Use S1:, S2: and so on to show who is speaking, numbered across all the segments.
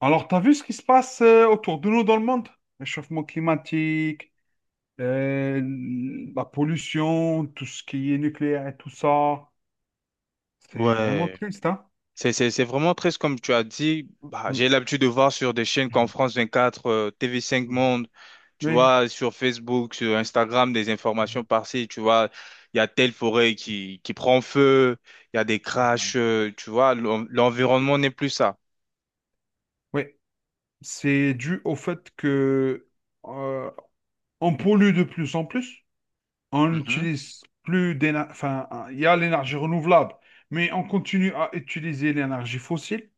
S1: Alors, t'as vu ce qui se passe autour de nous dans le monde? Réchauffement climatique, euh, la pollution, tout ce qui est nucléaire et tout ça. C'est vraiment
S2: Ouais,
S1: triste, hein?
S2: c'est vraiment triste comme tu as dit. Bah,
S1: Mm.
S2: j'ai l'habitude de voir sur des chaînes comme France 24, TV5 Monde, tu
S1: Oui,
S2: vois, sur Facebook, sur Instagram, des informations par-ci, tu vois, il y a telle forêt qui prend feu, il y a des crashs, tu vois, l'environnement n'est plus ça.
S1: oui. C'est dû au fait que euh, on pollue de plus en plus. On
S2: Mhm.
S1: n'utilise plus d'énergie. Enfin, il y a l'énergie renouvelable, mais on continue à utiliser l'énergie fossile.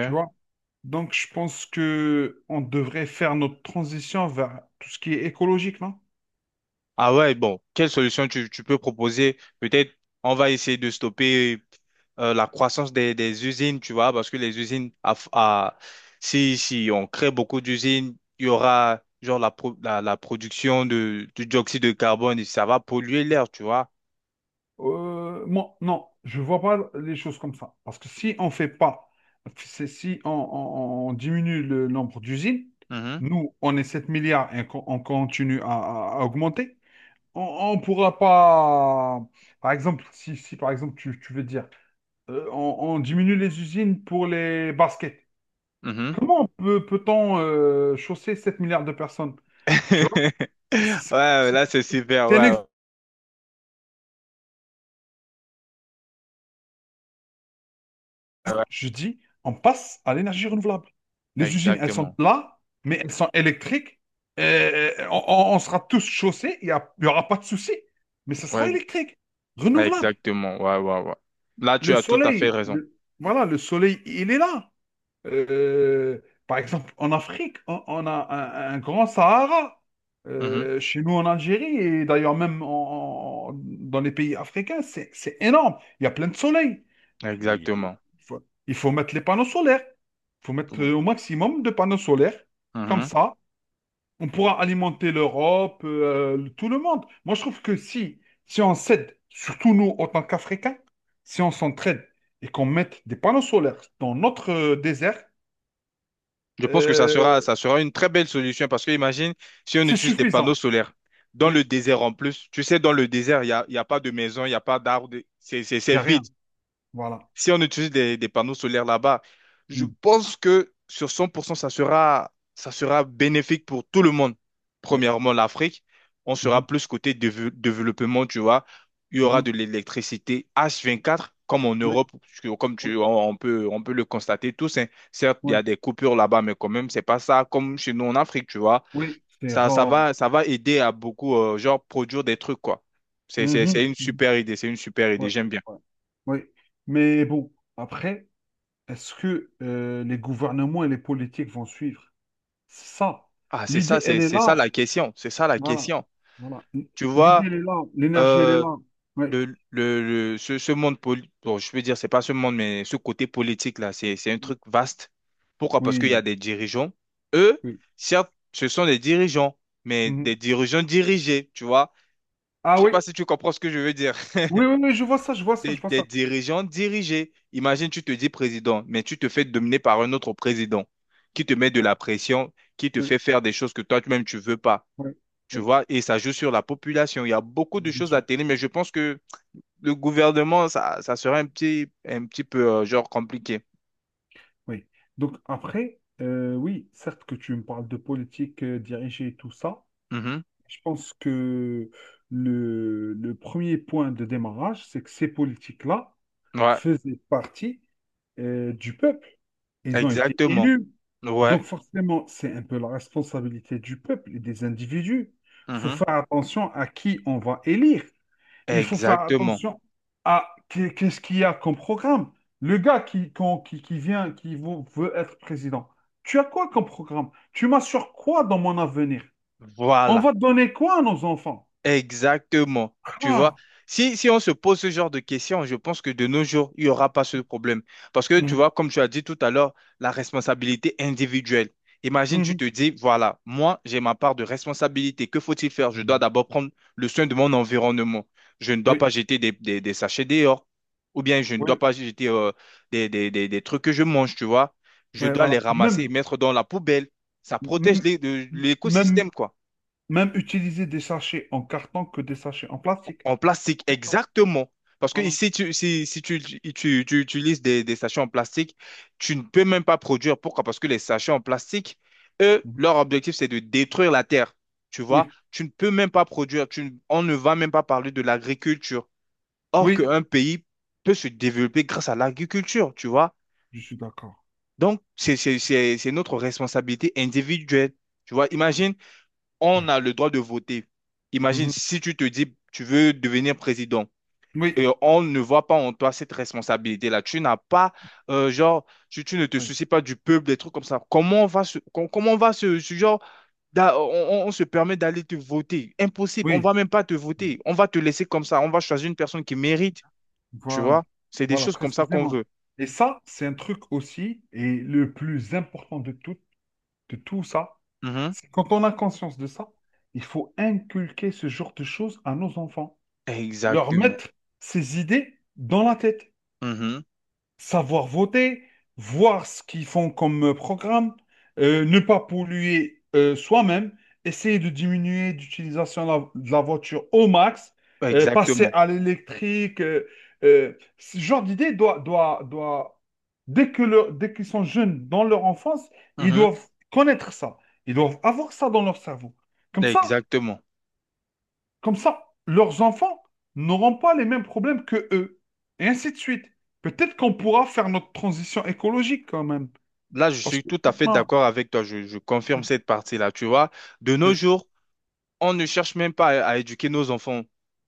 S1: Tu vois? Donc, je pense que on devrait faire notre transition vers tout ce qui est écologique, non?
S2: Ah ouais, bon, quelle solution tu peux proposer? Peut-être on va essayer de stopper la croissance des usines, tu vois, parce que les usines, si on crée beaucoup d'usines, il y aura genre la production du dioxyde de carbone et ça va polluer l'air, tu vois.
S1: Moi, non, je vois pas les choses comme ça. Parce que si on fait pas, si on diminue le nombre d'usines,
S2: Mhm,
S1: nous, on est 7 milliards et qu'on- on continue à augmenter, on ne pourra pas... Par exemple, si par exemple, tu veux dire, on diminue les usines pour les baskets.
S2: mhm.
S1: Comment peut-on chausser 7 milliards de personnes? Tu C'est pas
S2: Ouais,
S1: possible.
S2: là c'est super,
S1: C'est un
S2: ouais, ouais,
S1: exemple.
S2: ouais.
S1: Je dis, on passe à l'énergie renouvelable. Les usines, elles sont
S2: Exactement.
S1: là, mais elles sont électriques. On sera tous chaussés, il n'y aura pas de souci. Mais ce sera
S2: Ouais,
S1: électrique,
S2: ouais,
S1: renouvelable.
S2: exactement, ouais, ouais, ouais. Là tu
S1: Le
S2: as tout à fait
S1: soleil,
S2: raison.
S1: voilà, le soleil, il est là. Euh, Par exemple, en Afrique, on a un grand Sahara.
S2: Mhm.
S1: Chez nous en Algérie, et d'ailleurs même dans les pays africains, c'est énorme. Il y a plein de soleil. Mais Il
S2: Exactement.
S1: faut, il faut mettre les panneaux solaires. Il faut mettre au maximum de panneaux solaires. Comme
S2: Mhm.
S1: ça, on pourra alimenter l'Europe, tout le monde. Moi, je trouve que si on s'aide, surtout nous, en tant qu'Africains, si on s'entraide et qu'on mette des panneaux solaires dans notre désert,
S2: Je pense que ça sera,
S1: euh,
S2: ça sera une très belle solution parce que imagine si on
S1: c'est
S2: utilise des
S1: suffisant.
S2: panneaux solaires dans le
S1: Oui,
S2: désert en plus. Tu sais, dans le désert, il y a pas de maison, il n'y a pas d'arbres,
S1: il
S2: c'est
S1: n'y a rien.
S2: vide.
S1: Voilà.
S2: Si on utilise des panneaux solaires là-bas, je
S1: Mm.
S2: pense que sur 100%, ça sera bénéfique pour tout le monde.
S1: Ouais.
S2: Premièrement, l'Afrique, on sera
S1: Mhm.
S2: plus côté développement, tu vois. Il y aura
S1: Mhm.
S2: de l'électricité H24, comme en
S1: Oui,
S2: Europe, parce que comme
S1: oui,
S2: tu, on peut le constater tous, hein. Certes, il y
S1: oui,
S2: a des coupures là-bas, mais quand même, c'est pas ça comme chez nous en Afrique, tu vois.
S1: oui, c'est rare.
S2: Ça va aider à beaucoup, genre, produire des trucs, quoi. C'est
S1: Mhm.
S2: une
S1: Mhm.
S2: super idée, c'est une super
S1: Ouais,
S2: idée, j'aime bien.
S1: ouais, ouais. Mais bon, après, est-ce que les gouvernements et les politiques vont suivre? C'est ça.
S2: Ah, c'est ça,
S1: L'idée, elle
S2: c'est
S1: est
S2: c'est ça
S1: là.
S2: la question. C'est ça la
S1: Voilà.
S2: question.
S1: Voilà.
S2: Tu
S1: L'idée,
S2: vois,
S1: elle est là. L'énergie, elle est
S2: euh,
S1: là. Oui,
S2: le, le, ce monde, bon, je peux dire, c'est pas ce monde, mais ce côté politique-là, c'est un truc vaste. Pourquoi? Parce qu'il y a
S1: oui,
S2: des dirigeants. Eux,
S1: oui.
S2: certes, ce sont des dirigeants, mais des
S1: Mhm.
S2: dirigeants dirigés, tu vois. Je
S1: Ah
S2: sais
S1: oui.
S2: pas si tu comprends ce que je veux dire.
S1: Oui, oui, oui, je vois ça, je vois ça,
S2: Des,
S1: je vois
S2: des
S1: ça.
S2: dirigeants dirigés. Imagine, tu te dis président, mais tu te fais dominer par un autre président qui te met de
S1: Oui,
S2: la pression, qui te
S1: oui,
S2: fait faire des choses que toi-même tu veux pas.
S1: oui,
S2: Tu
S1: oui.
S2: vois, et ça joue sur
S1: Oui,
S2: la population. Il y a beaucoup de
S1: bien
S2: choses à
S1: sûr.
S2: télé, mais je pense que le gouvernement, ça serait un petit peu, genre, compliqué.
S1: Oui. Donc après, oui, certes que tu me parles de politique dirigée et tout ça,
S2: Mhm.
S1: je pense que le premier point de démarrage, c'est que ces politiques-là
S2: Ouais,
S1: faisaient partie du peuple. Ils ont été
S2: exactement.
S1: élus.
S2: Ouais.
S1: Donc forcément, c'est un peu la responsabilité du peuple et des individus. Il faut
S2: Mhm.
S1: faire attention à qui on va élire. Il faut faire
S2: Exactement.
S1: attention à qu'est-ce qu'il y a comme programme. Le gars qui vient, qui veut être président, tu as quoi comme programme? Tu m'assures quoi dans mon avenir? On
S2: Voilà.
S1: va donner quoi à nos enfants?
S2: Exactement. Tu vois,
S1: Ah,
S2: si on se pose ce genre de questions, je pense que de nos jours, il n'y aura pas ce problème. Parce que, tu
S1: mhm,
S2: vois, comme tu as dit tout à l'heure, la responsabilité individuelle. Imagine, tu
S1: mhm.
S2: te dis, voilà, moi, j'ai ma part de responsabilité. Que faut-il faire? Je dois d'abord prendre le soin de mon environnement. Je ne dois
S1: Oui,
S2: pas jeter des sachets dehors. Ou bien, je ne
S1: oui,
S2: dois pas jeter des trucs que je mange, tu vois. Je
S1: oui,
S2: dois
S1: voilà.
S2: les ramasser et
S1: Même,
S2: mettre dans la poubelle. Ça protège
S1: même, même,
S2: l'écosystème, quoi.
S1: même utiliser des sachets en carton que des sachets en plastique.
S2: En plastique, exactement. Parce que
S1: Voilà.
S2: si tu, si, si tu, tu, tu- tu utilises des sachets en plastique, tu ne peux même pas produire. Pourquoi? Parce que les sachets en plastique, eux,
S1: Mhm.
S2: leur objectif, c'est de détruire la terre. Tu vois,
S1: Oui,
S2: tu ne peux même pas produire. Tu, ne- on ne va même pas parler de l'agriculture. Or
S1: oui,
S2: qu'un pays peut se développer grâce à l'agriculture, tu vois.
S1: je suis d'accord.
S2: Donc, c'est notre responsabilité individuelle. Tu vois, imagine, on a le droit de voter. Imagine
S1: Mhm.
S2: si tu te dis, tu veux devenir président.
S1: Oui,
S2: Et on ne voit pas en toi cette responsabilité-là. Tu n'as pas, genre, tu ne te
S1: oui,
S2: soucies pas du peuple, des trucs comme ça. Comment on va se, genre, on se permet d'aller te voter? Impossible. On
S1: oui.
S2: va même pas te voter. On va te laisser comme ça. On va choisir une personne qui mérite. Tu vois?
S1: Voilà,
S2: C'est des
S1: voilà,
S2: choses comme ça qu'on
S1: précisément.
S2: veut.
S1: Et ça, c'est un truc aussi, et le plus important de tout ça,
S2: Mhm.
S1: c'est quand on a conscience de ça, il faut inculquer ce genre de choses à nos enfants. Leur
S2: Exactement.
S1: mettre ces idées dans la tête.
S2: Mhm.
S1: Savoir voter, voir ce qu'ils font comme programme, ne pas polluer soi-même, essayer de diminuer l'utilisation de de la voiture au max, passer
S2: Exactement.
S1: à l'électrique. Ce genre d'idée doit, dès qu'ils sont jeunes dans leur enfance, ils
S2: Mhm.
S1: doivent connaître ça. Ils doivent avoir ça dans leur cerveau. Comme ça,
S2: Exactement.
S1: comme ça, leurs enfants n'auront pas les mêmes problèmes que eux. Et ainsi de suite. Peut-être qu'on pourra faire notre transition écologique quand même.
S2: Là, je
S1: Parce
S2: suis
S1: que
S2: tout à fait
S1: maintenant,
S2: d'accord avec toi. Je confirme cette partie-là. Tu vois, de nos
S1: oui,
S2: jours, on ne cherche même pas à éduquer nos enfants.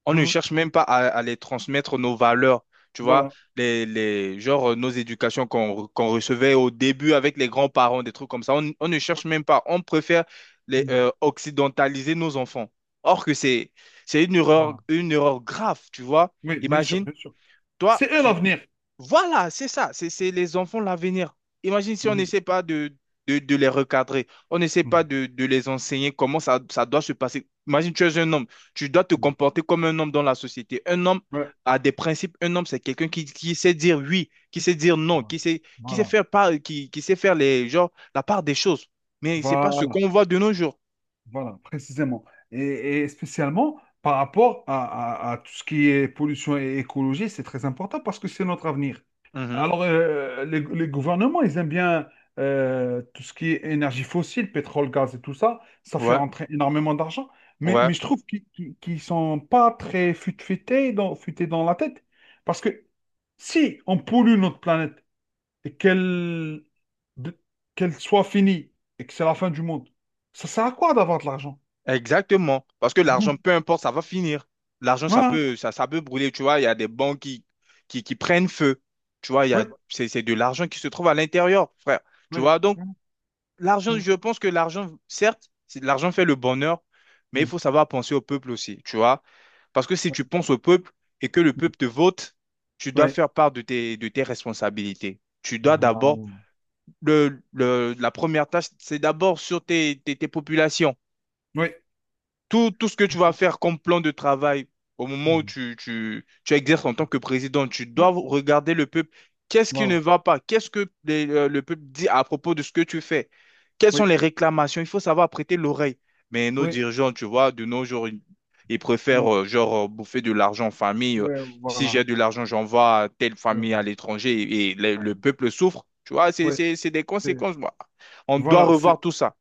S2: On ne
S1: mhm,
S2: cherche même pas à les transmettre nos valeurs. Tu vois,
S1: voilà.
S2: genre nos éducations qu'on recevait au début avec les grands-parents, des trucs comme ça. On ne
S1: Oui,
S2: cherche même pas. On préfère les,
S1: mhm,
S2: occidentaliser nos enfants. Or que c'est
S1: voilà.
S2: une erreur grave, tu vois.
S1: Oui, bien sûr,
S2: Imagine,
S1: bien sûr.
S2: toi,
S1: C'est eux l'avenir.
S2: voilà, c'est ça, c'est les enfants l'avenir. Imagine si on
S1: Mhm,
S2: n'essaie pas de les recadrer, on n'essaie
S1: mhm,
S2: pas de les enseigner comment ça, ça doit se passer. Imagine, tu es un homme, tu dois te
S1: mhm.
S2: comporter comme un homme dans la société. Un homme
S1: Ouais,
S2: a des principes, un homme, c'est quelqu'un qui sait dire oui, qui sait dire non,
S1: voilà.
S2: qui sait
S1: Voilà.
S2: faire, part, qui sait faire les, genre, la part des choses. Mais c'est pas ce
S1: Voilà.
S2: qu'on voit de nos jours.
S1: Voilà, précisément. Et spécialement par rapport à tout ce qui est pollution et écologie, c'est très important parce que c'est notre avenir.
S2: Mhm.
S1: Alors, les gouvernements, ils aiment bien tout ce qui est énergie fossile, pétrole, gaz et tout ça. Ça fait
S2: Ouais,
S1: rentrer énormément d'argent. Mais,
S2: ouais,
S1: mais je trouve qu'ils sont pas très futés dans la tête. Parce que si on pollue notre planète et de- qu'elle soit finie et que c'est la fin du monde, ça sert à quoi d'avoir de l'argent?
S2: exactement. Parce que l'argent,
S1: Ouais,
S2: peu importe, ça va finir. L'argent, ça
S1: voilà,
S2: peut, ça, ça peut brûler, tu vois. Il y a des banques qui prennent feu. Tu vois, il y a,
S1: ouais,
S2: c'est de l'argent qui se trouve à l'intérieur, frère. Tu
S1: ouais,
S2: vois, donc,
S1: voilà,
S2: l'argent,
S1: mm,
S2: je pense que l'argent, certes, l'argent fait le bonheur, mais il
S1: mm,
S2: faut savoir penser au peuple aussi, tu vois. Parce que si tu penses au peuple et que le peuple te vote, tu dois
S1: ouais,
S2: faire part de tes responsabilités. Tu
S1: mm,
S2: dois
S1: ouais, voilà,
S2: d'abord, la première tâche, c'est d'abord sur tes populations.
S1: ouais,
S2: Tout ce que
S1: bien
S2: tu vas
S1: sûr,
S2: faire comme plan de travail au moment où
S1: mm,
S2: tu exerces en tant que président, tu dois
S1: ouais,
S2: regarder le peuple. Qu'est-ce qui ne
S1: voilà,
S2: va pas? Qu'est-ce que le peuple dit à propos de ce que tu fais? Quelles sont
S1: oui,
S2: les réclamations? Il faut savoir prêter l'oreille. Mais nos
S1: oui,
S2: dirigeants, tu vois, de nos jours, ils
S1: mm,
S2: préfèrent genre bouffer de l'argent en famille. euh,
S1: ouais,
S2: si
S1: voilà,
S2: j'ai de l'argent, j'envoie à telle
S1: ouais,
S2: famille à l'étranger
S1: mm,
S2: et,
S1: voilà,
S2: le peuple souffre. Tu vois,
S1: ouais,
S2: c'est des
S1: c'est,
S2: conséquences. Moi. On doit
S1: voilà, c'est,
S2: revoir tout ça.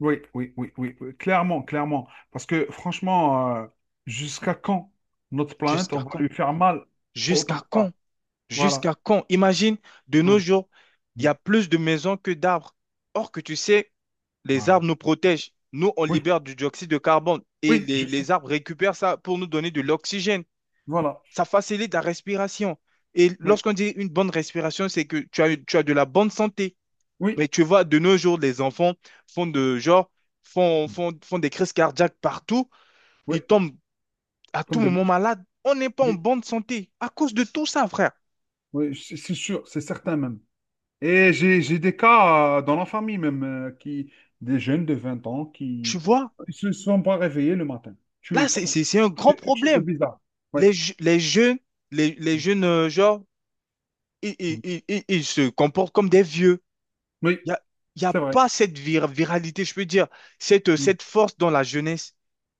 S1: oui, oui, oui, oui, oui, clairement, clairement, parce que franchement, jusqu'à quand notre planète, on
S2: Jusqu'à
S1: va
S2: quand?
S1: lui faire mal autant
S2: Jusqu'à
S1: que ça,
S2: quand?
S1: voilà,
S2: Jusqu'à quand? Imagine, de
S1: ouais,
S2: nos jours, il y
S1: mm,
S2: a plus de maisons que d'arbres. Or que tu sais, les
S1: voilà,
S2: arbres nous protègent. Nous, on
S1: oui,
S2: libère du dioxyde de carbone et
S1: oui, je sais,
S2: les arbres récupèrent ça pour nous donner de l'oxygène.
S1: voilà,
S2: Ça facilite la respiration. Et
S1: oui,
S2: lorsqu'on dit une bonne respiration, c'est que tu as de la bonne santé.
S1: oui,
S2: Mais tu vois, de nos jours, les enfants font de genre, font,
S1: mm,
S2: font, font des crises cardiaques partout.
S1: oui,
S2: Ils tombent à tout
S1: comme des
S2: moment
S1: mouches,
S2: malades. On n'est pas en
S1: oui.
S2: bonne santé à cause de tout ça, frère.
S1: Oui, c'est sûr, c'est certain même. Et j'ai des cas dans la famille même, qui, des jeunes de 20 ans
S2: Tu
S1: qui
S2: vois?
S1: ne se sont pas réveillés le matin. Tu,
S2: Là,
S1: enfin,
S2: c'est un grand
S1: c'est quelque chose de
S2: problème.
S1: bizarre. Oui.
S2: Les, je- les jeunes, genre,
S1: Mm.
S2: ils se comportent comme des vieux.
S1: Oui,
S2: Il n'y a, y a
S1: c'est vrai.
S2: pas cette viralité, je peux dire,
S1: Mm.
S2: cette force dans la jeunesse.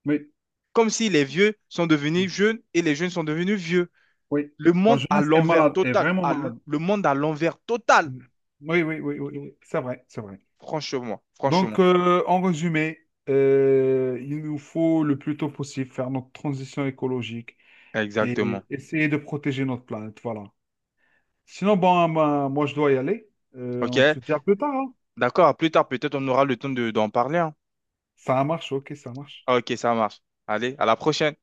S1: Oui.
S2: Comme si les vieux sont
S1: Mm.
S2: devenus jeunes et les jeunes sont devenus vieux.
S1: Oui.
S2: Le
S1: La
S2: monde à
S1: jeunesse est
S2: l'envers
S1: malade, est
S2: total.
S1: vraiment
S2: à l-
S1: malade.
S2: le monde à l'envers total.
S1: Mm. Oui, oui, oui, oui, oui. C'est vrai, c'est vrai.
S2: Franchement, franchement.
S1: Donc, en résumé, il nous faut le plus tôt possible faire notre transition écologique
S2: Exactement.
S1: et essayer de protéger notre planète. Voilà. Sinon, bon, moi, moi, je dois y aller. On
S2: OK?
S1: se dit à plus tard, hein.
S2: D'accord, à plus tard, peut-être on aura le temps d'en parler, hein.
S1: Ça marche, OK, ça marche.
S2: OK, ça marche. Allez, à la prochaine.